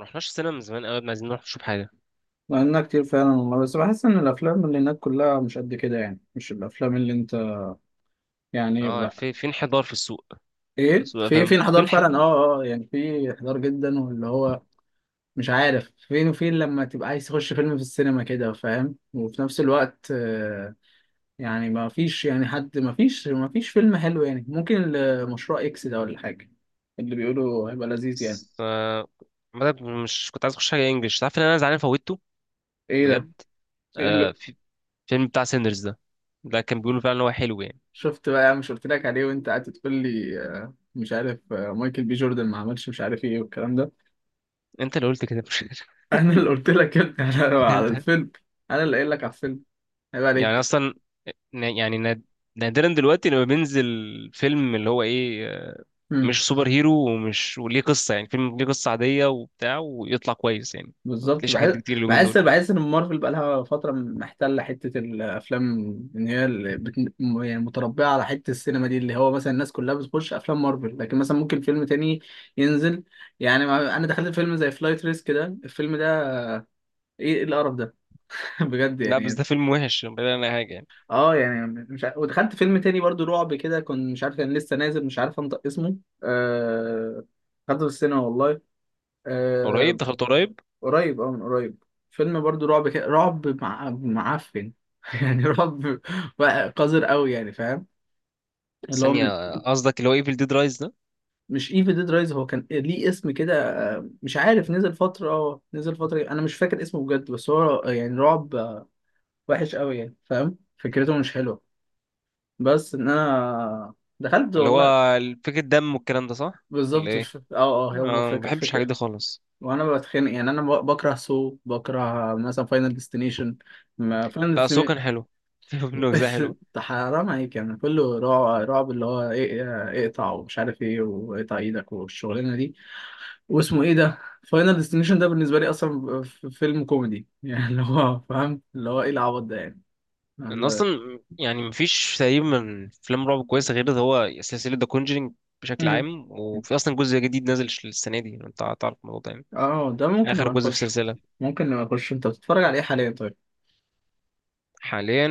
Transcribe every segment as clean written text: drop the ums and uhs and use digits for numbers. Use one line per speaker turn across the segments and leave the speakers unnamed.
رحناش السينما من زمان قوي، عايزين نروح نشوف حاجة.
لأنها كتير فعلا والله، بس بحس إن الأفلام اللي هناك كلها مش قد كده. يعني مش الأفلام اللي أنت، يعني
اه،
بقى.
في انحدار في السوق.
إيه،
سوق
في
فاهم في
انحدار فعلا. أه
انحدار.
أه آه، يعني في انحدار جدا، واللي هو مش عارف فين وفين. لما تبقى عايز تخش فيلم في السينما كده، فاهم؟ وفي نفس الوقت يعني ما فيش، يعني حد، ما فيش فيلم حلو. يعني ممكن مشروع إكس ده ولا حاجة اللي بيقولوا هيبقى لذيذ يعني.
ف... مش كنت عايز اخش حاجة انجلش، تعرف ان انا زعلان فوتته
إيه ده؟
بجد. آه، في فيلم بتاع سيندرز ده، ده كان بيقولوا فعلا ان هو حلو يعني.
شفت بقى يا عم؟ مش قلت لك عليه وانت قاعد تقول لي مش عارف، مايكل بي جوردن ما عملش مش عارف ايه والكلام ده.
انت اللي قلت كده، مش؟
انا اللي قلت لك يا ابني على على
انت
الفيلم. انا اللي قايل لك على الفيلم، عيب
يعني
عليك.
اصلا ن- يعني ناد- نادرا دلوقتي لما بينزل فيلم اللي هو ايه،
امم.
مش سوبر هيرو ومش وليه قصة، يعني فيلم ليه قصة عادية وبتاع ويطلع كويس يعني. ما
بالظبط،
بتلاقيش حاجات
بحس.
دي كتير اليومين
بحس
دول.
بحس ان مارفل بقى لها فتره محتله حته الافلام. ان هي اللي بت... يعني متربعه على حته السينما دي، اللي هو مثلا الناس كلها بتخش افلام مارفل، لكن مثلا ممكن فيلم تاني ينزل. يعني انا دخلت فيلم زي فلايت ريسك ده، الفيلم ده ايه؟ إيه القرف ده؟ بجد
لا بس
يعني.
ده فيلم وحش بعيد عن اي حاجة يعني.
اه، يعني مش عارف. ودخلت فيلم تاني برضو رعب كده، كنت مش عارف، كان لسه نازل، مش عارف انطق اسمه. آه... دخلته في السينما والله.
قريب،
آه...
دخلت قريب.
قريب، اه، من قريب. فيلم برضو رعب كده، رعب مع... معفن. يعني رعب بقى قذر قوي يعني، فاهم؟ اللي هو من...
ثانية، قصدك اللي هو ايفل ديد رايز ده،
مش ايفل ديد رايز، هو كان ليه اسم كده. مش عارف، نزل فترة، اه نزل فترة، انا مش فاكر اسمه بجد. بس هو يعني رعب وحش قوي يعني، فاهم؟ فكرته مش حلوة، بس ان انا دخلت
اللي
والله.
هو فكرة دم والكلام ده، صح ولا
بالظبط، مش
ايه؟
فاكر. اه اه، هو
اه، ما
فاكر
بحبش الحاجات
فاكر.
دي خالص.
وانا بتخانق. يعني انا بكره سو، بكره مثلا فاينل ديستنيشن. ما فاينل
لا بس هو
ديستنيشن
كان حلو، في منه أجزاء حلوة.
حرام عليك! يعني كله رعب رعب، اللي هو ايه؟ إيه، اقطع ومش عارف ايه، واقطع ايدك والشغلانه دي، واسمه ايه ده. فاينل ديستنيشن ده بالنسبه لي اصلا فيلم كوميدي. يعني اللي هو فاهم، اللي هو ايه العبط ده يعني؟
أنا
اللي هو...
أصلا يعني مفيش تقريبا من أفلام رعب كويسة غير ده، هو سلسلة ذا كونجرينج بشكل
مم.
عام، وفي أصلا جزء جديد نازل السنة دي، أنت تعرف الموضوع ده يعني،
اه، ده ممكن
آخر
نبقى
جزء في
نخش.
السلسلة.
ممكن نبقى نخش. انت بتتفرج على ايه حاليا طيب؟
حاليا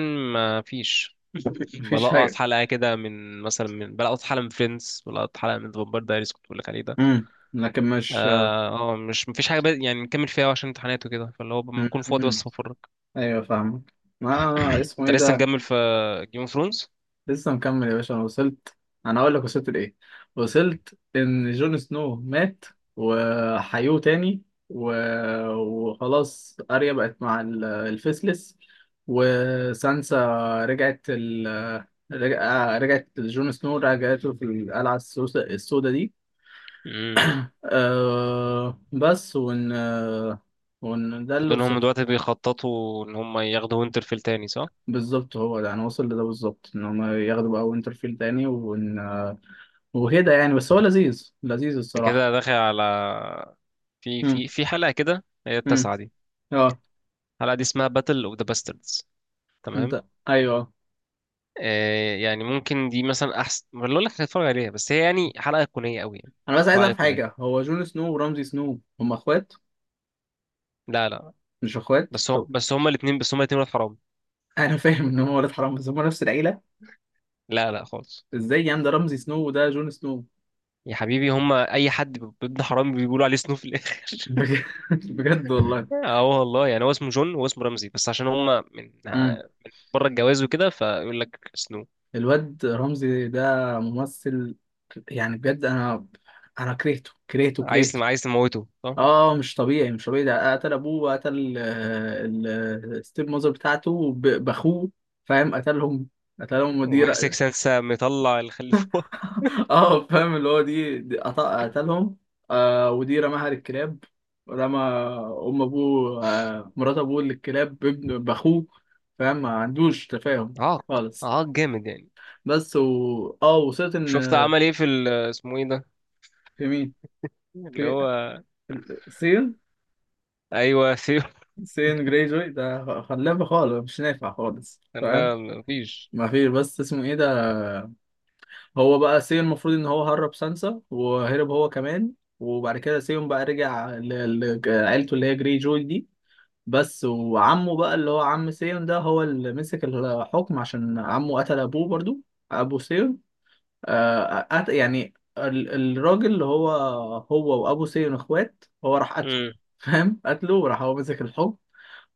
مفيش.
مفيش
بلقط
حاجه؟
حلقة كده من، مثلا من، بلقط حلقة من فريندز، بلقط حلقة من فامباير دايريز كنت بقولك عليه ده.
امم. لكن مش.
اه مش مفيش حاجه، يعني نكمل فيها عشان امتحانات وكده، فاللي هو بكون فاضي
مم.
بس بفرج.
ايوه، فاهمك. ما اسمه
انت
ايه
لسه
ده؟
نكمل في جيم اوف ثرونز؟
لسه مكمل يا باشا. انا وصلت، انا اقول لك وصلت لايه. وصلت ان جون سنو مات وحيوه تاني و... وخلاص اريا بقت مع الفيسلس، وسانسا رجعت ال... رجع... رجعت لجون سنو، رجعته في القلعة السوداء السوداء دي.
امم.
أه... بس وان، وان ده اللي
فدول هم
وصلت.
دلوقتي بيخططوا ان هم ياخدوا وينترفيل تاني، صح؟
بالظبط، هو ده انا واصل لده بالظبط، ان هم ياخدوا بقى وينترفيل تاني وإن... وكده يعني. بس هو لذيذ، لذيذ
انت
الصراحه.
كده داخل على في
امم.
في في حلقه كده، هي
امم.
التاسعه دي.
اه.
الحلقه دي اسمها باتل اوف ذا باستردز، تمام.
انت، ايوه.
آه يعني ممكن دي مثلا احسن ما اقول لك هتتفرج عليها، بس هي يعني حلقه ايقونيه قوي يعني.
انا بس عايز
حلقه
اعرف
ايقونيه.
حاجه: هو جون سنو ورمزي سنو هم اخوات؟
لا لا،
مش اخوات
بس هو
طب؟
بس هما الاثنين ولاد حرام.
انا فاهم ان هم ولاد حرام، بس هم نفس العيله.
لا لا خالص.
ازاي يعني؟ ده رمزي سنو وده جون سنو.
يا حبيبي هما اي حد ابن حرام بيقولوا عليه سنو في الاخر.
بجد؟ بجد والله؟
اه والله، يعني هو اسمه جون وهو اسمه رمزي بس عشان هما من
امم.
بره الجواز وكده، فيقول لك سنو.
الواد رمزي ده ممثل، يعني بجد. انا انا كرهته كرهته
عايز
كرهته.
عايز تموته، صح؟
اه، مش طبيعي، مش طبيعي. ده قتل ابوه، وقتل الستيب ماذر بتاعته باخوه. فاهم؟ قتلهم، قتلهم. ودي
ومحسك سنسة مطلع الخلي فوق.
اه، فاهم اللي هو دي, دي قتلهم. آه، ودي رماها للكلاب، رمى ام ابوه، آه مرات ابوه، للكلاب، بابن باخوه. فاهم؟ ما عندوش تفاهم
عاق،
خالص.
عاق جامد يعني.
بس و، اه، وصلت ان.
شفت عمل ايه في اسمه ايه ده،
في مين؟
اللي
في
هو،
سين،
ايوه ثيو.
سين جريجوي ده خلابه خالص، مش نافع خالص، فاهم؟
لا مفيش.
ما فيش. بس اسمه ايه ده؟ هو بقى سي، المفروض ان هو هرب سانسا وهرب هو كمان، وبعد كده سيون بقى رجع لعيلته اللي هي جري جوي دي. بس وعمه بقى، اللي هو عم سيون ده، هو اللي مسك الحكم، عشان عمه قتل ابوه برضو، ابو سيون. آه، يعني الراجل اللي هو، هو وابو سيون اخوات، هو راح قتله.
امم.
فاهم؟ قتله وراح هو مسك الحكم،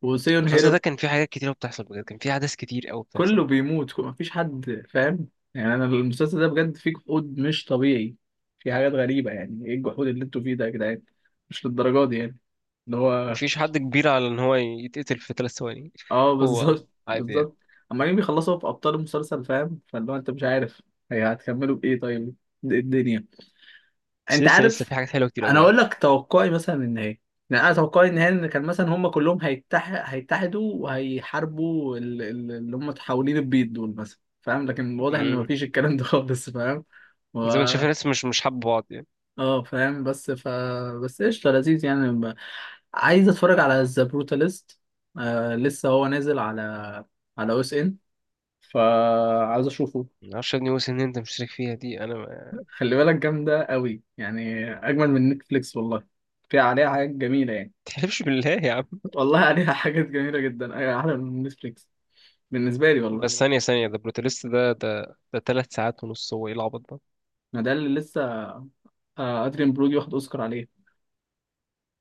وسيون
المسلسل ده
هرب.
كان فيه حاجات كتيرة بتحصل بجد، كان فيه أحداث كتير أوي بتحصل.
كله بيموت، مفيش حد، فاهم؟ يعني انا المسلسل ده بجد فيه جحود مش طبيعي، في حاجات غريبة. يعني ايه الجحود اللي انتوا فيه ده يا جدعان؟ مش للدرجة دي يعني. اللي هو
مفيش حد كبير على إن هو يتقتل في 3 ثواني.
اه،
هو
بالظبط
عادي يعني.
بالظبط. عمالين بيخلصوا في ابطال المسلسل، فاهم؟ فاللي هو انت مش عارف هي هتكملوا بايه طيب؟ إيه الدنيا؟
بس
انت
لسه لسه
عارف،
في حاجات حلوه كتير قوي
انا
جايه.
اقول لك توقعي مثلا النهائي. يعني انا توقعي النهائي ان كان مثلا هم كلهم هيتحد، هيتحدوا وهيحاربوا اللي هم حاولين، البيض دول مثلا، فاهم؟ لكن واضح ان
امم.
مفيش الكلام ده خالص، فاهم؟ و...
زي ما انت شايف الناس مش حابه بعض يعني.
اه فاهم، بس ف، بس قشطه، لذيذ يعني. ب... عايز اتفرج على ذا بروتاليست. آه، لسه هو نازل على على او اس ان، فعايز اشوفه.
ما اعرفش يا ابني وسن ان انت مشترك فيها دي، انا ما
خلي بالك جامده قوي يعني، اجمل من نتفليكس والله. فيها، عليها حاجات جميله يعني.
تحلفش بالله يا عم.
والله عليها حاجات جميلة جدا. أيوة، أحلى من نتفليكس بالنسبة لي
بس
والله.
ثانيه ثانيه، ده بروتاليست ده، 3 ساعات ونص، هو ايه العبط ده؟
ما ده اللي لسه. أدريان برودي واخد أوسكار عليه.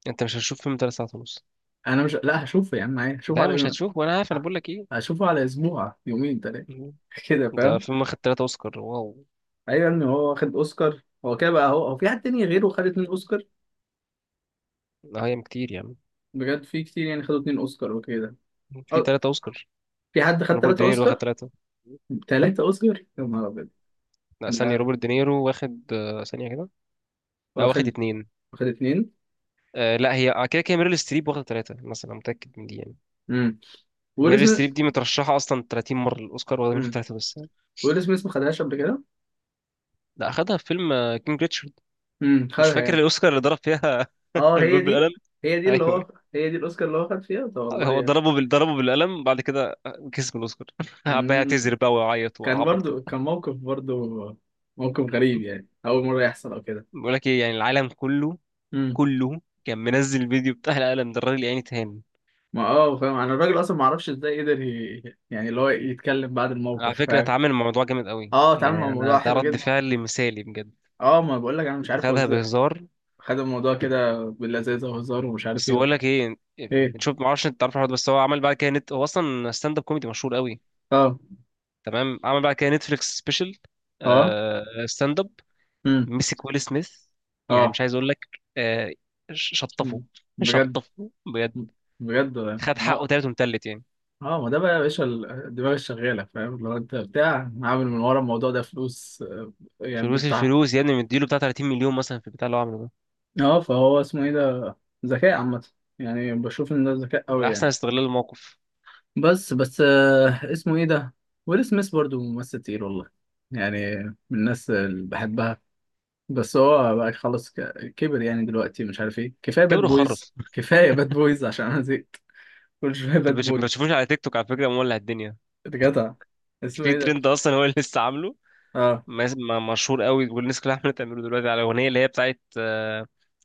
انت مش هتشوف فيلم 3 ساعات ونص.
أنا مش، لا هشوفه يا عم عادي، هشوفه
لا
على
مش
يوم،
هتشوف، وانا عارف انا بقول لك ايه.
هشوفه على أسبوع، يومين تلاتة.
مم.
كده،
ده
فاهم؟
فيلم واخد ثلاثة اوسكار، واو.
أيوة، إن هو واخد أوسكار، هو كده بقى؟ هو، هو في حد تاني غيره خد اتنين أوسكار؟
ده هي كتير يعني،
بجد في كتير يعني خدوا اتنين أوسكار وكده؟
في
أو،
ثلاثة اوسكار؟
في حد خد
روبرت
تلاتة
دينيرو واخد
أوسكار؟
ثلاثة.
تلاتة أوسكار، يا نهار أبيض!
لا ثانية،
لا،
روبرت دينيرو واخد، ثانية كده. لا واخد
واخد،
اتنين.
واخد اتنين.
آه لا، هي آه، كده كده ميريل ستريب واخد ثلاثة مثلا، أنا متأكد من دي يعني.
امم. ويل
ميري
سميث.
ستريب دي مترشحة أصلا 30 مرة للأوسكار، واخدة منهم
امم.
تلاتة بس.
ويل سميث ما خدهاش قبل كده.
لا أخدها في فيلم كينج ريتشارد.
امم،
مش
خدها
فاكر
يعني.
الأوسكار اللي ضرب فيها
اه، هي
الباب
دي.
بالقلم.
هي دي اللي
أيوه،
هو، هي دي الاوسكار اللي هو خد فيها ده، والله
هو
يعني.
ضربه بالقلم بعد كده، كسب الأوسكار. قعد بقى
امم.
يعتذر بقى ويعيط
كان
وعبط كده.
برضو، كان موقف، برضو موقف غريب. يعني اول مره يحصل او كده.
بقول لك إيه، يعني العالم كله
امم.
كله كان منزل الفيديو بتاع القلم ده، الراجل يعني تهان.
ما اه، فاهم انا الراجل اصلا، ما اعرفش ازاي قدر ي... يعني اللي هو يتكلم بعد
على
الموقف،
فكرة
فاهم؟
اتعامل مع الموضوع جامد قوي
اه، اتعامل مع
يعني،
الموضوع
أنا ده
حلو
رد
جدا.
فعل مثالي بجد.
اه، ما بقول لك انا مش عارف هو
خدها
ازاي
بهزار.
خد الموضوع كده باللذاذه وهزار ومش عارف
بس
ايه
بقول
وكده.
لك ايه،
ايه.
شوف ما اعرفش انت تعرف الحوار ده، بس هو عمل بعد كده نت، هو اصلا ستاند اب كوميدي مشهور قوي،
اه.
تمام. عمل بعد كده نتفليكس سبيشال.
اه.
اه ستاند اب.
امم.
مسك ويل سميث، يعني
اه.
مش عايز اقول لك، آه، شطفه،
مم. بجد.
شطفه بجد.
بجد والله.
خد
ما
حقه
هو،
تالت ومتلت يعني.
اه، ما ده بقى يا باشا الدماغ الشغاله، فاهم؟ لو انت بتاع، عامل من ورا الموضوع ده فلوس يعني
فلوس،
بتاع،
الفلوس يا ابني مديله بتاع 30 مليون مثلا في البتاع اللي هو عامله ده،
اه، فهو اسمه ايه ده، ذكاء عامه. يعني بشوف ان ده ذكاء قوي
على احسن
يعني.
استغلال الموقف.
بس اسمه ايه ده. ويل سميث برضو ممثل تقيل والله يعني، من الناس اللي بحبها. بس هو بقى خلاص كبر. يعني دلوقتي مش عارف ايه، كفايه باد
كبر
بويز،
وخرف.
كفايه باد بويز، عشان انا زهقت. كل شويه
انت
باد
ما
بويز.
بتشوفوش على تيك توك؟ على فكره مولع الدنيا،
جدع،
مش
اسمه
في
ايه ده؟
ترند اصلا هو اللي لسه عامله.
اه.
مشهور قوي، والناس كلها عماله تعمله دلوقتي على الاغنيه اللي هي بتاعت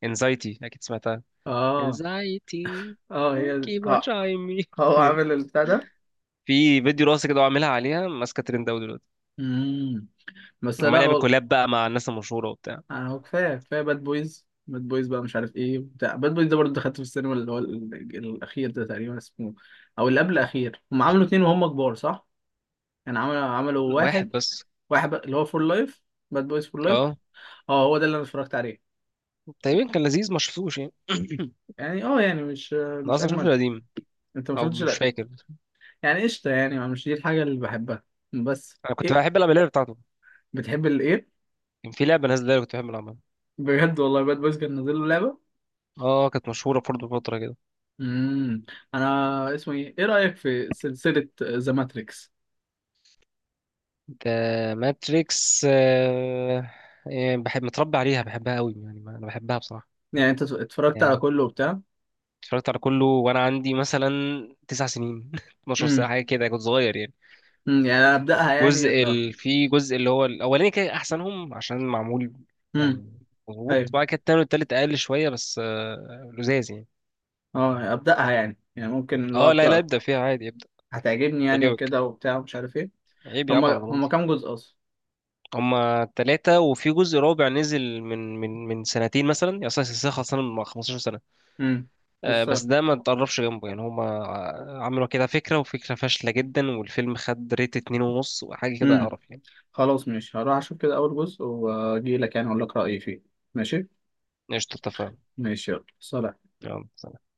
انزايتي، اكيد سمعتها.
اه.
انزايتي،
اه هي،
كيب اون
اه.
شاين مي.
هو عامل البتاع ده.
في فيديو راسي كده وعاملها عليها، ماسكه ترند قوي دلوقتي.
امم. بس
عمال
لا
يعمل
والله.
كولاب بقى مع الناس المشهوره وبتاع.
انا هو، كفايه باد بويز، باد بويز بقى، مش عارف ايه بتاع باد بويز ده. برضه دخلت في السينما اللي هو الاخير ده تقريبا اسمه، او اللي قبل الاخير. هم عملوا اتنين وهم كبار، صح؟ يعني عملوا، عملوا
واحد
واحد.
بس.
واحد بقى، اللي هو فور لايف، باد بويز فور لايف.
اه
اه، هو ده اللي انا اتفرجت عليه.
تقريبا كان لذيذ، ما شفتوش يعني.
يعني اه، يعني مش،
انا
مش
اصلا شفت
اجمد.
القديم،
انت ما
او
شفتش،
مش
لا؟
فاكر.
يعني قشطه يعني، ما مش دي الحاجه اللي بحبها. بس
انا كنت
ايه؟
بحب العب اللعبه بتاعته،
بتحب الايه؟
كان في لعبه نازله كنت بحب العبها.
بجد والله؟ باد بويز كان نازل له لعبه.
اه كانت مشهوره برضه فتره كده.
امم. انا اسمه ايه، ايه رايك في سلسله ذا ماتريكس؟
ده ماتريكس. يعني بحب متربي عليها، بحبها قوي يعني، انا بحبها بصراحه
يعني انت اتفرجت على
يعني.
كله وبتاع.
اتفرجت على كله وانا عندي مثلا 9 سنين،
امم.
12 ساعه حاجه كده، كنت صغير يعني.
أمم، يعني انا ابداها، يعني اللي.
في جزء اللي هو الاولاني كان احسنهم عشان معمول
امم.
يعني مظبوط،
ايوه.
بعد كده التاني والتالت اقل شويه بس لزاز يعني.
اه ابداها يعني، يعني ممكن اللي هو
اه لا لا
ابداها
ابدا فيها عادي، ابدا
هتعجبني يعني،
تعجبك،
وكده وبتاع ومش عارف ايه.
عيب يا عم على
هما هما
ضمانتي.
كام جزء اصلا؟
هما تلاتة وفي جزء رابع نزل من سنتين مثلا يعني، أصلا السلسلة خلصانة من 15 سنة،
امم.
بس
لسه.
ده ما تقربش جنبه يعني. هما عملوا كده فكرة، وفكرة فاشلة جدا، والفيلم خد ريت اتنين ونص وحاجة كده،
امم.
قرف يعني.
خلاص ماشي، هروح اشوف كده اول جزء واجي لك يعني اقول لك رايي فيه. ماشي.
قشطة اتفقنا.
ماشي، يلا سلام.
يلا سلام.